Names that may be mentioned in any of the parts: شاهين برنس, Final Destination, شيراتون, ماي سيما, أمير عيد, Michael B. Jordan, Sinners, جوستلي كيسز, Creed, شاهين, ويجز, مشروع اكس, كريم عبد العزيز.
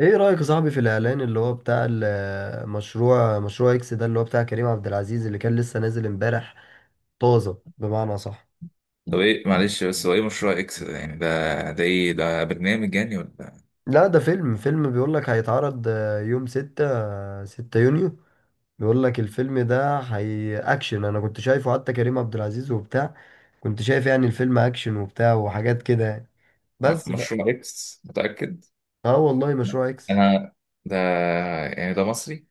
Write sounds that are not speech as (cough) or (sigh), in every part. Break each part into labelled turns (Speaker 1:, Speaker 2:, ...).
Speaker 1: ايه رأيك يا صاحبي في الاعلان اللي هو بتاع المشروع، مشروع اكس ده، اللي هو بتاع كريم عبد العزيز اللي كان لسه نازل امبارح، طازة بمعنى صح.
Speaker 2: طب، ايه معلش، بس هو ايه مشروع اكس ده؟ يعني ده ده ايه؟ ده برنامج يعني ولا
Speaker 1: لا، ده فيلم بيقول لك هيتعرض يوم 6 يونيو. بيقول لك الفيلم ده هي اكشن، انا كنت شايفه، حتى كريم عبد العزيز وبتاع، كنت شايف يعني الفيلم اكشن وبتاع وحاجات كده يعني. بس ف...
Speaker 2: مشروع اكس؟ متأكد؟
Speaker 1: اه والله
Speaker 2: لا.
Speaker 1: مشروع اكس
Speaker 2: انا، ده يعني ده مصري؟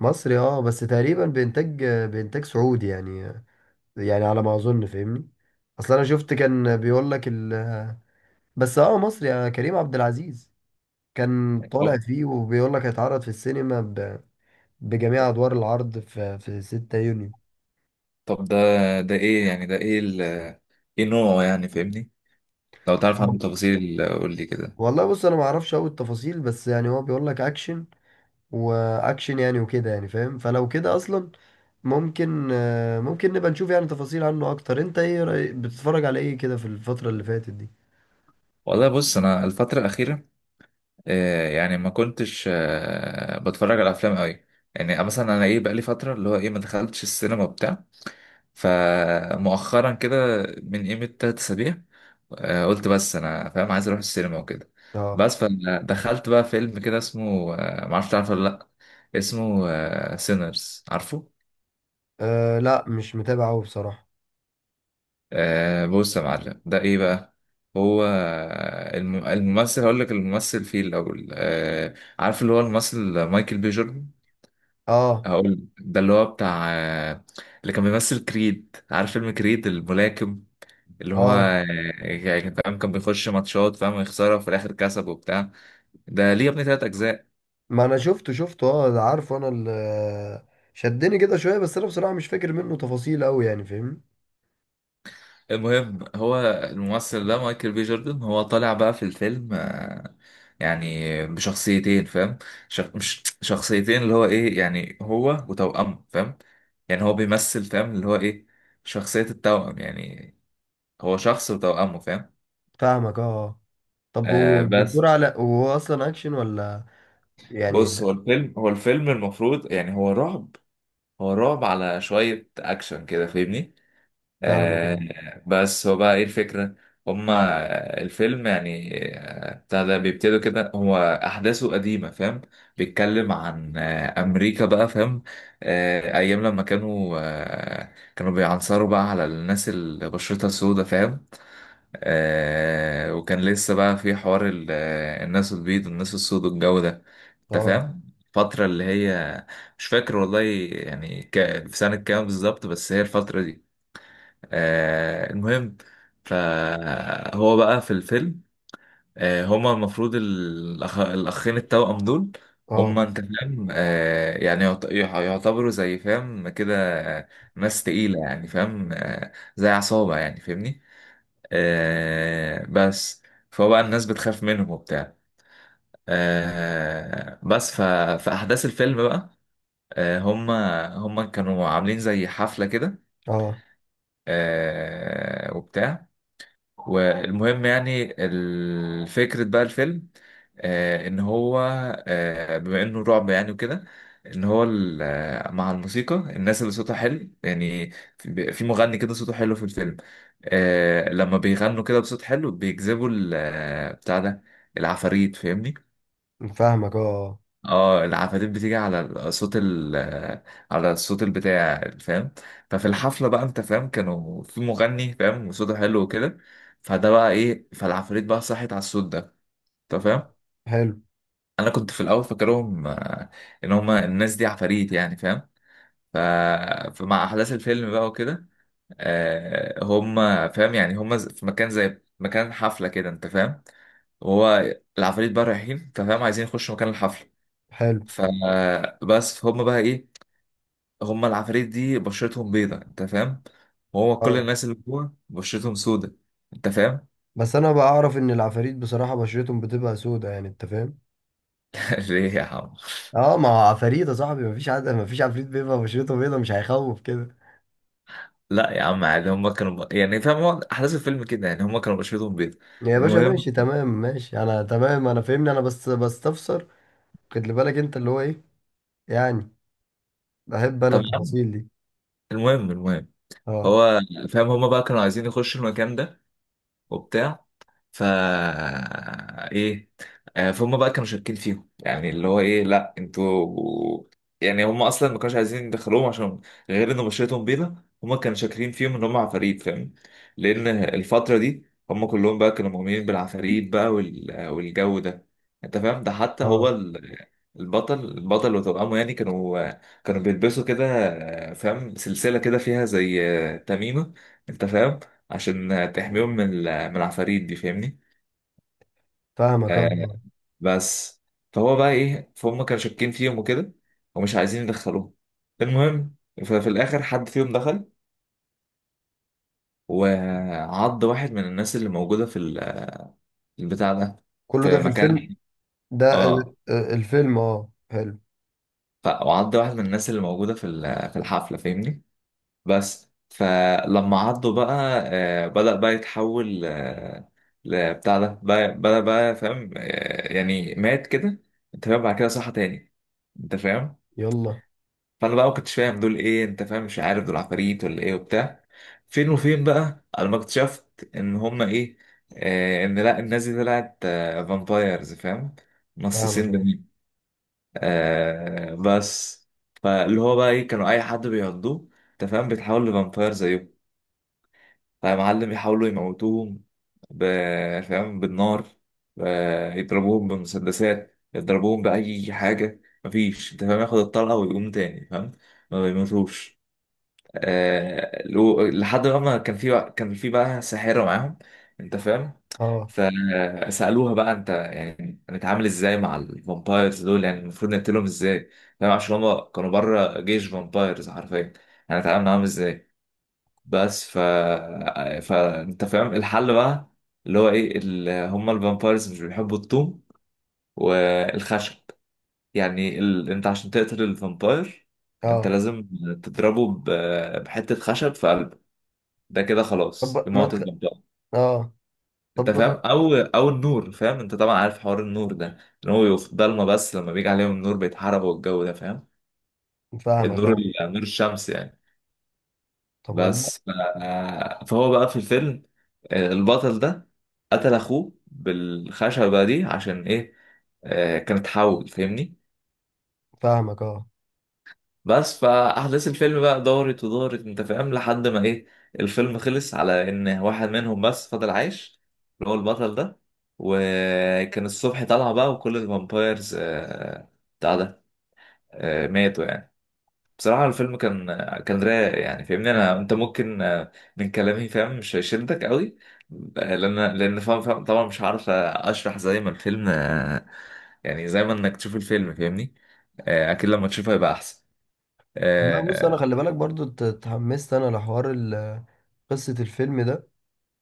Speaker 1: مصري اه، بس تقريبا بإنتاج بإنتاج سعودي يعني، يعني على ما اظن فاهمني. اصل انا شفت كان بيقول لك ال... بس اه مصري، كريم عبد العزيز كان طالع
Speaker 2: أه.
Speaker 1: فيه وبيقول لك هيتعرض في السينما ب... بجميع ادوار العرض في 6 يونيو.
Speaker 2: طب ده ايه؟ يعني ده ايه ايه نوعه يعني، فاهمني؟ لو تعرف عنه تفاصيل قول لي كده.
Speaker 1: والله بص، انا ما اعرفش قوي التفاصيل، بس يعني هو بيقول لك اكشن واكشن يعني وكده، يعني فاهم، فلو كده اصلا ممكن، ممكن نبقى نشوف يعني تفاصيل عنه اكتر. انت ايه رأي... بتتفرج على ايه كده في الفترة اللي فاتت دي؟
Speaker 2: والله بص، انا الفترة الأخيرة يعني ما كنتش بتفرج على افلام قوي. يعني مثلا انا ايه، بقالي فترة اللي هو ايه ما دخلتش السينما وبتاع. فمؤخرا كده، من قيمة 3 أسابيع، قلت بس أنا فاهم عايز أروح السينما وكده.
Speaker 1: اه
Speaker 2: بس فدخلت بقى فيلم كده اسمه معرفش تعرفه ولا لأ. اسمه سينرز، عارفه؟
Speaker 1: آه، لا مش متابع قوي بصراحة.
Speaker 2: بص يا معلم، ده إيه بقى؟ هو الممثل، هقول لك الممثل فيه الأول، عارف اللي هو الممثل مايكل بي جوردن.
Speaker 1: اه
Speaker 2: هقول ده اللي هو بتاع اللي كان بيمثل كريد، عارف فيلم كريد الملاكم، اللي هو
Speaker 1: اه،
Speaker 2: يعني كان فاهم، كان بيخش ماتشات، فاهم، ويخسرها وفي الاخر كسب وبتاع. ده ليه يا ابني 3 اجزاء.
Speaker 1: ما انا شفته اه، ده عارفه، انا اللي شدني كده شويه، بس انا بصراحه مش فاكر منه تفاصيل قوي يعني فاهم.
Speaker 2: المهم، هو الممثل ده مايكل بي جوردن هو طالع بقى في الفيلم يعني بشخصيتين، فاهم. مش شخصيتين، اللي هو ايه يعني هو وتوأمه، فاهم. يعني هو بيمثل، فاهم، اللي هو ايه شخصية التوأم يعني. هو شخص وتوأمه، فاهم.
Speaker 1: فاهمك اه آه. طب هو
Speaker 2: بس،
Speaker 1: بتدور على، هو اصلا اكشن ولا يعني؟
Speaker 2: بص، هو الفيلم المفروض يعني هو رعب. هو رعب على شوية أكشن كده، فاهمني.
Speaker 1: فاهمك اه.
Speaker 2: آه، بس هو بقى ايه الفكرة؟ هما الفيلم يعني بتاع ده بيبتدوا كده، هو أحداثه قديمة، فاهم. بيتكلم عن أمريكا بقى، فاهم. أيام لما كانوا بيعنصروا بقى على الناس اللي بشرتها سودة، فاهم. وكان لسه بقى في حوار الناس البيض والناس السود والجو ده. أنت
Speaker 1: اه.
Speaker 2: فاهم الفترة اللي هي، مش فاكر والله، يعني في سنة كام بالظبط، بس هي الفترة دي. المهم، فهو بقى في الفيلم، هما المفروض الأخين التوأم دول،
Speaker 1: اه.
Speaker 2: هما أنت فاهم، يعني يعتبروا زي، فاهم، كده، آه، ناس تقيلة يعني، فاهم، زي عصابة يعني، فاهمني. بس، فهو بقى الناس بتخاف منهم وبتاع. بس في أحداث الفيلم بقى، هما كانوا عاملين زي حفلة كده،
Speaker 1: اه.
Speaker 2: وبتاع. والمهم يعني الفكرة بقى الفيلم، ان هو، بما انه رعب يعني وكده، ان هو مع الموسيقى، الناس اللي صوتها حلو يعني، في مغني كده صوته حلو في الفيلم. لما بيغنوا كده بصوت حلو بيجذبوا بتاع ده، العفاريت، فاهمني.
Speaker 1: فاهمك اه آه.
Speaker 2: اه، العفاريت بتيجي على صوت على الصوت البتاع يعني، فاهم. ففي الحفله بقى، انت فاهم، كانوا في مغني، فاهم، وصوته حلو وكده. فده بقى ايه، فالعفاريت بقى صحت على الصوت ده، انت فاهم.
Speaker 1: حلو.
Speaker 2: انا كنت في الاول فاكرهم ان هما الناس دي عفاريت يعني، فاهم. ف... فمع احداث الفيلم بقى وكده، هما فاهم، يعني هما في مكان زي مكان حفله كده، انت فاهم، وهو العفاريت بقى رايحين، انت فاهم، عايزين يخشوا مكان الحفله.
Speaker 1: حلو.
Speaker 2: فبس هم بقى ايه، هما العفاريت دي بشرتهم بيضة، انت فاهم، وهو كل
Speaker 1: اه،
Speaker 2: الناس اللي جوه بشرتهم سودة، انت فاهم.
Speaker 1: بس انا بعرف ان العفاريت بصراحه بشرتهم بتبقى سودة يعني، انت فاهم.
Speaker 2: (laughs) ليه يا عم؟
Speaker 1: اه، ما هو عفاريت يا صاحبي، مفيش، عاد مفيش عفريت بيبقى بشرته بيضه، مش هيخوف كده.
Speaker 2: لا يا عم، عادي، هما كانوا يعني فاهم، هو احداث الفيلم كده يعني، هما كانوا بشرتهم بيضة.
Speaker 1: يا باشا
Speaker 2: المهم.
Speaker 1: ماشي تمام، ماشي انا تمام، انا فاهمني، انا بس بستفسر. خد لي بالك انت اللي هو ايه، يعني بحب انا
Speaker 2: طب يا عم،
Speaker 1: التفاصيل دي.
Speaker 2: المهم.
Speaker 1: اه.
Speaker 2: هو فاهم، هما بقى كانوا عايزين يخشوا المكان ده وبتاع، فا ايه، فهم بقى كانوا شاكين فيهم يعني اللي هو ايه، لا انتوا، يعني هم اصلا ما كانوش عايزين يدخلوهم عشان غير ان بشرتهم بيضة. هم كانوا شاكرين فيهم ان هم عفاريت، فاهم، لان الفترة دي هم كلهم بقى كانوا مؤمنين بالعفاريت بقى والجو ده. انت فاهم، ده حتى هو
Speaker 1: اه.
Speaker 2: البطل، وتوأمه يعني، كانوا بيلبسوا كده، فاهم، سلسلة كده فيها زي تميمة، انت فاهم، عشان تحميهم من العفاريت دي، فاهمني.
Speaker 1: فاهمك اه
Speaker 2: آه
Speaker 1: آه.
Speaker 2: بس، فهو بقى ايه، فهم كانوا شاكين فيهم وكده ومش عايزين يدخلوهم. المهم، ففي الاخر حد فيهم دخل وعض واحد من الناس اللي موجوده البتاع ده،
Speaker 1: كله ده
Speaker 2: في
Speaker 1: في الفيلم؟
Speaker 2: مكان،
Speaker 1: ده ال-
Speaker 2: اه،
Speaker 1: الفيلم اه حلو.
Speaker 2: وعض واحد من الناس اللي موجوده في الحفله، فاهمني. بس فلما عضه بقى، بدأ بقى يتحول، بدأ بقى، فاهم، يعني مات كده، انت فاهم، بعد كده صحى تاني، انت فاهم.
Speaker 1: يلا.
Speaker 2: فانا بقى ما كنتش فاهم دول ايه، انت فاهم، مش عارف دول عفاريت ولا ايه وبتاع. فين وفين بقى انا ما اكتشفت ان هما ايه، ان لا الناس دي طلعت، فامبايرز، فاهم،
Speaker 1: فاهمك
Speaker 2: نصاصين
Speaker 1: اه.
Speaker 2: دمين. بس، فاللي هو بقى ايه، كانوا اي حد بيعضوه، انت فاهم، بيتحول لفامباير زيهم. فمعلم يحاولوا يموتوهم فاهم، بالنار، يضربوهم بمسدسات، يضربوهم بأي حاجة، مفيش انت فاهم ياخد الطلقة ويقوم تاني، فاهم، ما بيموتوش. لحد ما كان في بقى، ساحرة معاهم، انت فاهم.
Speaker 1: اه.
Speaker 2: فسألوها بقى انت، يعني نتعامل ازاي مع الفامبايرز دول، يعني المفروض نقتلهم ازاي؟ فاهم، عشان هما كانوا بره جيش فامبايرز حرفيا، يعني نتعامل معاهم ازاي؟ بس فانت فاهم الحل بقى، اللي هو ايه هما الفامبايرز مش بيحبوا الطوم والخشب. يعني انت عشان تقتل الفامباير انت
Speaker 1: اه.
Speaker 2: لازم تضربه بحتة خشب في قلبه. ده كده خلاص
Speaker 1: طب ما
Speaker 2: يموت
Speaker 1: تخ...
Speaker 2: الفامباير.
Speaker 1: اه.
Speaker 2: انت
Speaker 1: طب
Speaker 2: فاهم، او النور، فاهم، انت طبعا عارف حوار النور ده، ان هو يقف ضلمه، بس لما بيجي عليهم النور بيتحرقوا والجو ده، فاهم.
Speaker 1: فاهمك
Speaker 2: النور
Speaker 1: اه.
Speaker 2: نور الشمس يعني.
Speaker 1: طب والله
Speaker 2: بس فهو بقى في الفيلم، البطل ده قتل اخوه بالخشبة دي، عشان ايه؟ كانت حول، فاهمني.
Speaker 1: فاهمك اه.
Speaker 2: بس فاحداث الفيلم بقى دارت ودارت، انت فاهم، لحد ما ايه، الفيلم خلص على ان واحد منهم بس فضل عايش، اللي هو البطل ده. وكان الصبح طالع بقى وكل الفامبايرز بتاع ده، ماتوا يعني. بصراحة الفيلم كان رايق يعني، فاهمني، انت ممكن من كلامي، فاهم، مش هيشدك قوي، لان فاهم، طبعا مش عارف اشرح زي ما الفيلم، يعني زي ما انك تشوف الفيلم، فاهمني. اكيد لما تشوفه هيبقى احسن.
Speaker 1: لا بص، انا
Speaker 2: اه،
Speaker 1: خلي بالك برضو، ات- اتحمست انا لحوار ال- قصة الفيلم ده،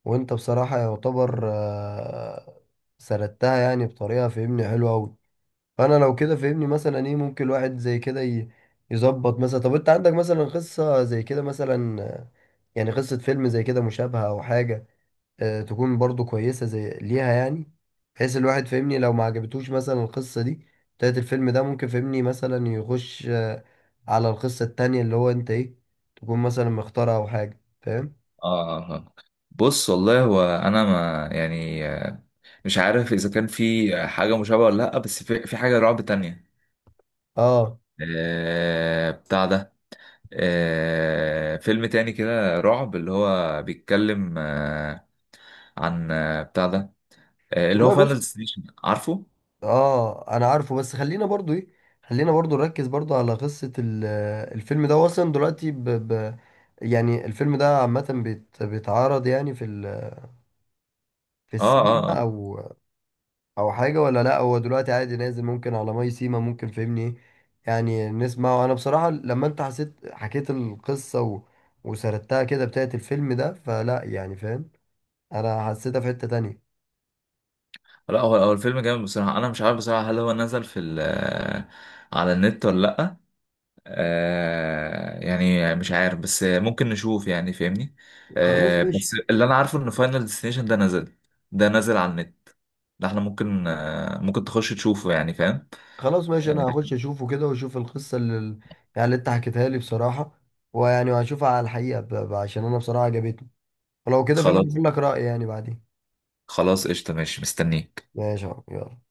Speaker 1: وانت بصراحة يعتبر سردتها يعني بطريقة فهمني حلوة أوي. فانا لو كده فهمني مثلا ايه ممكن الواحد زي كده ي- يظبط مثلا. طب انت عندك مثلا قصة زي كده مثلا، يعني قصة فيلم زي كده مشابهة او حاجة، تكون برضو كويسة زي ليها يعني، بحيث الواحد فهمني لو ما عجبتوش مثلا القصة دي بتاعت الفيلم ده، ممكن فهمني مثلا يخش على القصة التانية، اللي هو انت ايه تكون مثلا مختارها او حاجة فاهم.
Speaker 2: آه، آه. آه. بص، والله هو انا ما يعني مش عارف اذا كان في حاجة مشابهة ولا لا، بس في حاجة رعب تانية،
Speaker 1: اه
Speaker 2: بتاع ده، فيلم تاني كده رعب اللي هو بيتكلم عن بتاع ده، اللي هو
Speaker 1: والله
Speaker 2: فاينل
Speaker 1: بص،
Speaker 2: ديستنيشن، عارفه؟
Speaker 1: اه انا عارفه، بس خلينا برضو ايه، خلينا برضو نركز برضو على قصة ال- الفيلم ده، هو اصلا دلوقتي ب... ب... يعني الفيلم ده عامة بيت... بيتعرض يعني في ال... في
Speaker 2: اه، اه،
Speaker 1: السينما
Speaker 2: آه.
Speaker 1: او او حاجة ولا لا؟ هو دلوقتي عادي نازل، ممكن على ماي سيما ممكن فهمني ايه، يعني نسمعه؟ انا بصراحة لما انت حسيت حكيت القصة و... وسردتها كده بتاعت الفيلم ده، فلا يعني فاهم، انا حسيتها في حتة تانية.
Speaker 2: لا، هو الفيلم جامد بصراحة، أنا مش عارف بصراحة هل هو نزل في ال آه، على النت ولا لأ. يعني مش عارف بس ممكن نشوف يعني، فاهمني.
Speaker 1: خلاص
Speaker 2: بس،
Speaker 1: ماشي.
Speaker 2: اللي أنا عارفه إن فاينل ديستنيشن ده نزل، على النت. ده احنا ممكن، تخش تشوفه يعني، فاهم.
Speaker 1: خلاص ماشي، انا
Speaker 2: آه
Speaker 1: هخش اشوفه كده، واشوف القصه اللي يعني اللي انت حكيتها لي بصراحه، ويعني وهشوفها على الحقيقه ب... ب- عشان انا بصراحه عجبتني، ولو كده فاهم
Speaker 2: خلاص،
Speaker 1: بقول لك رايي يعني بعدين.
Speaker 2: خلاص، قشطة، ماشي، مستنيك.
Speaker 1: ماشي يا عم، يلا.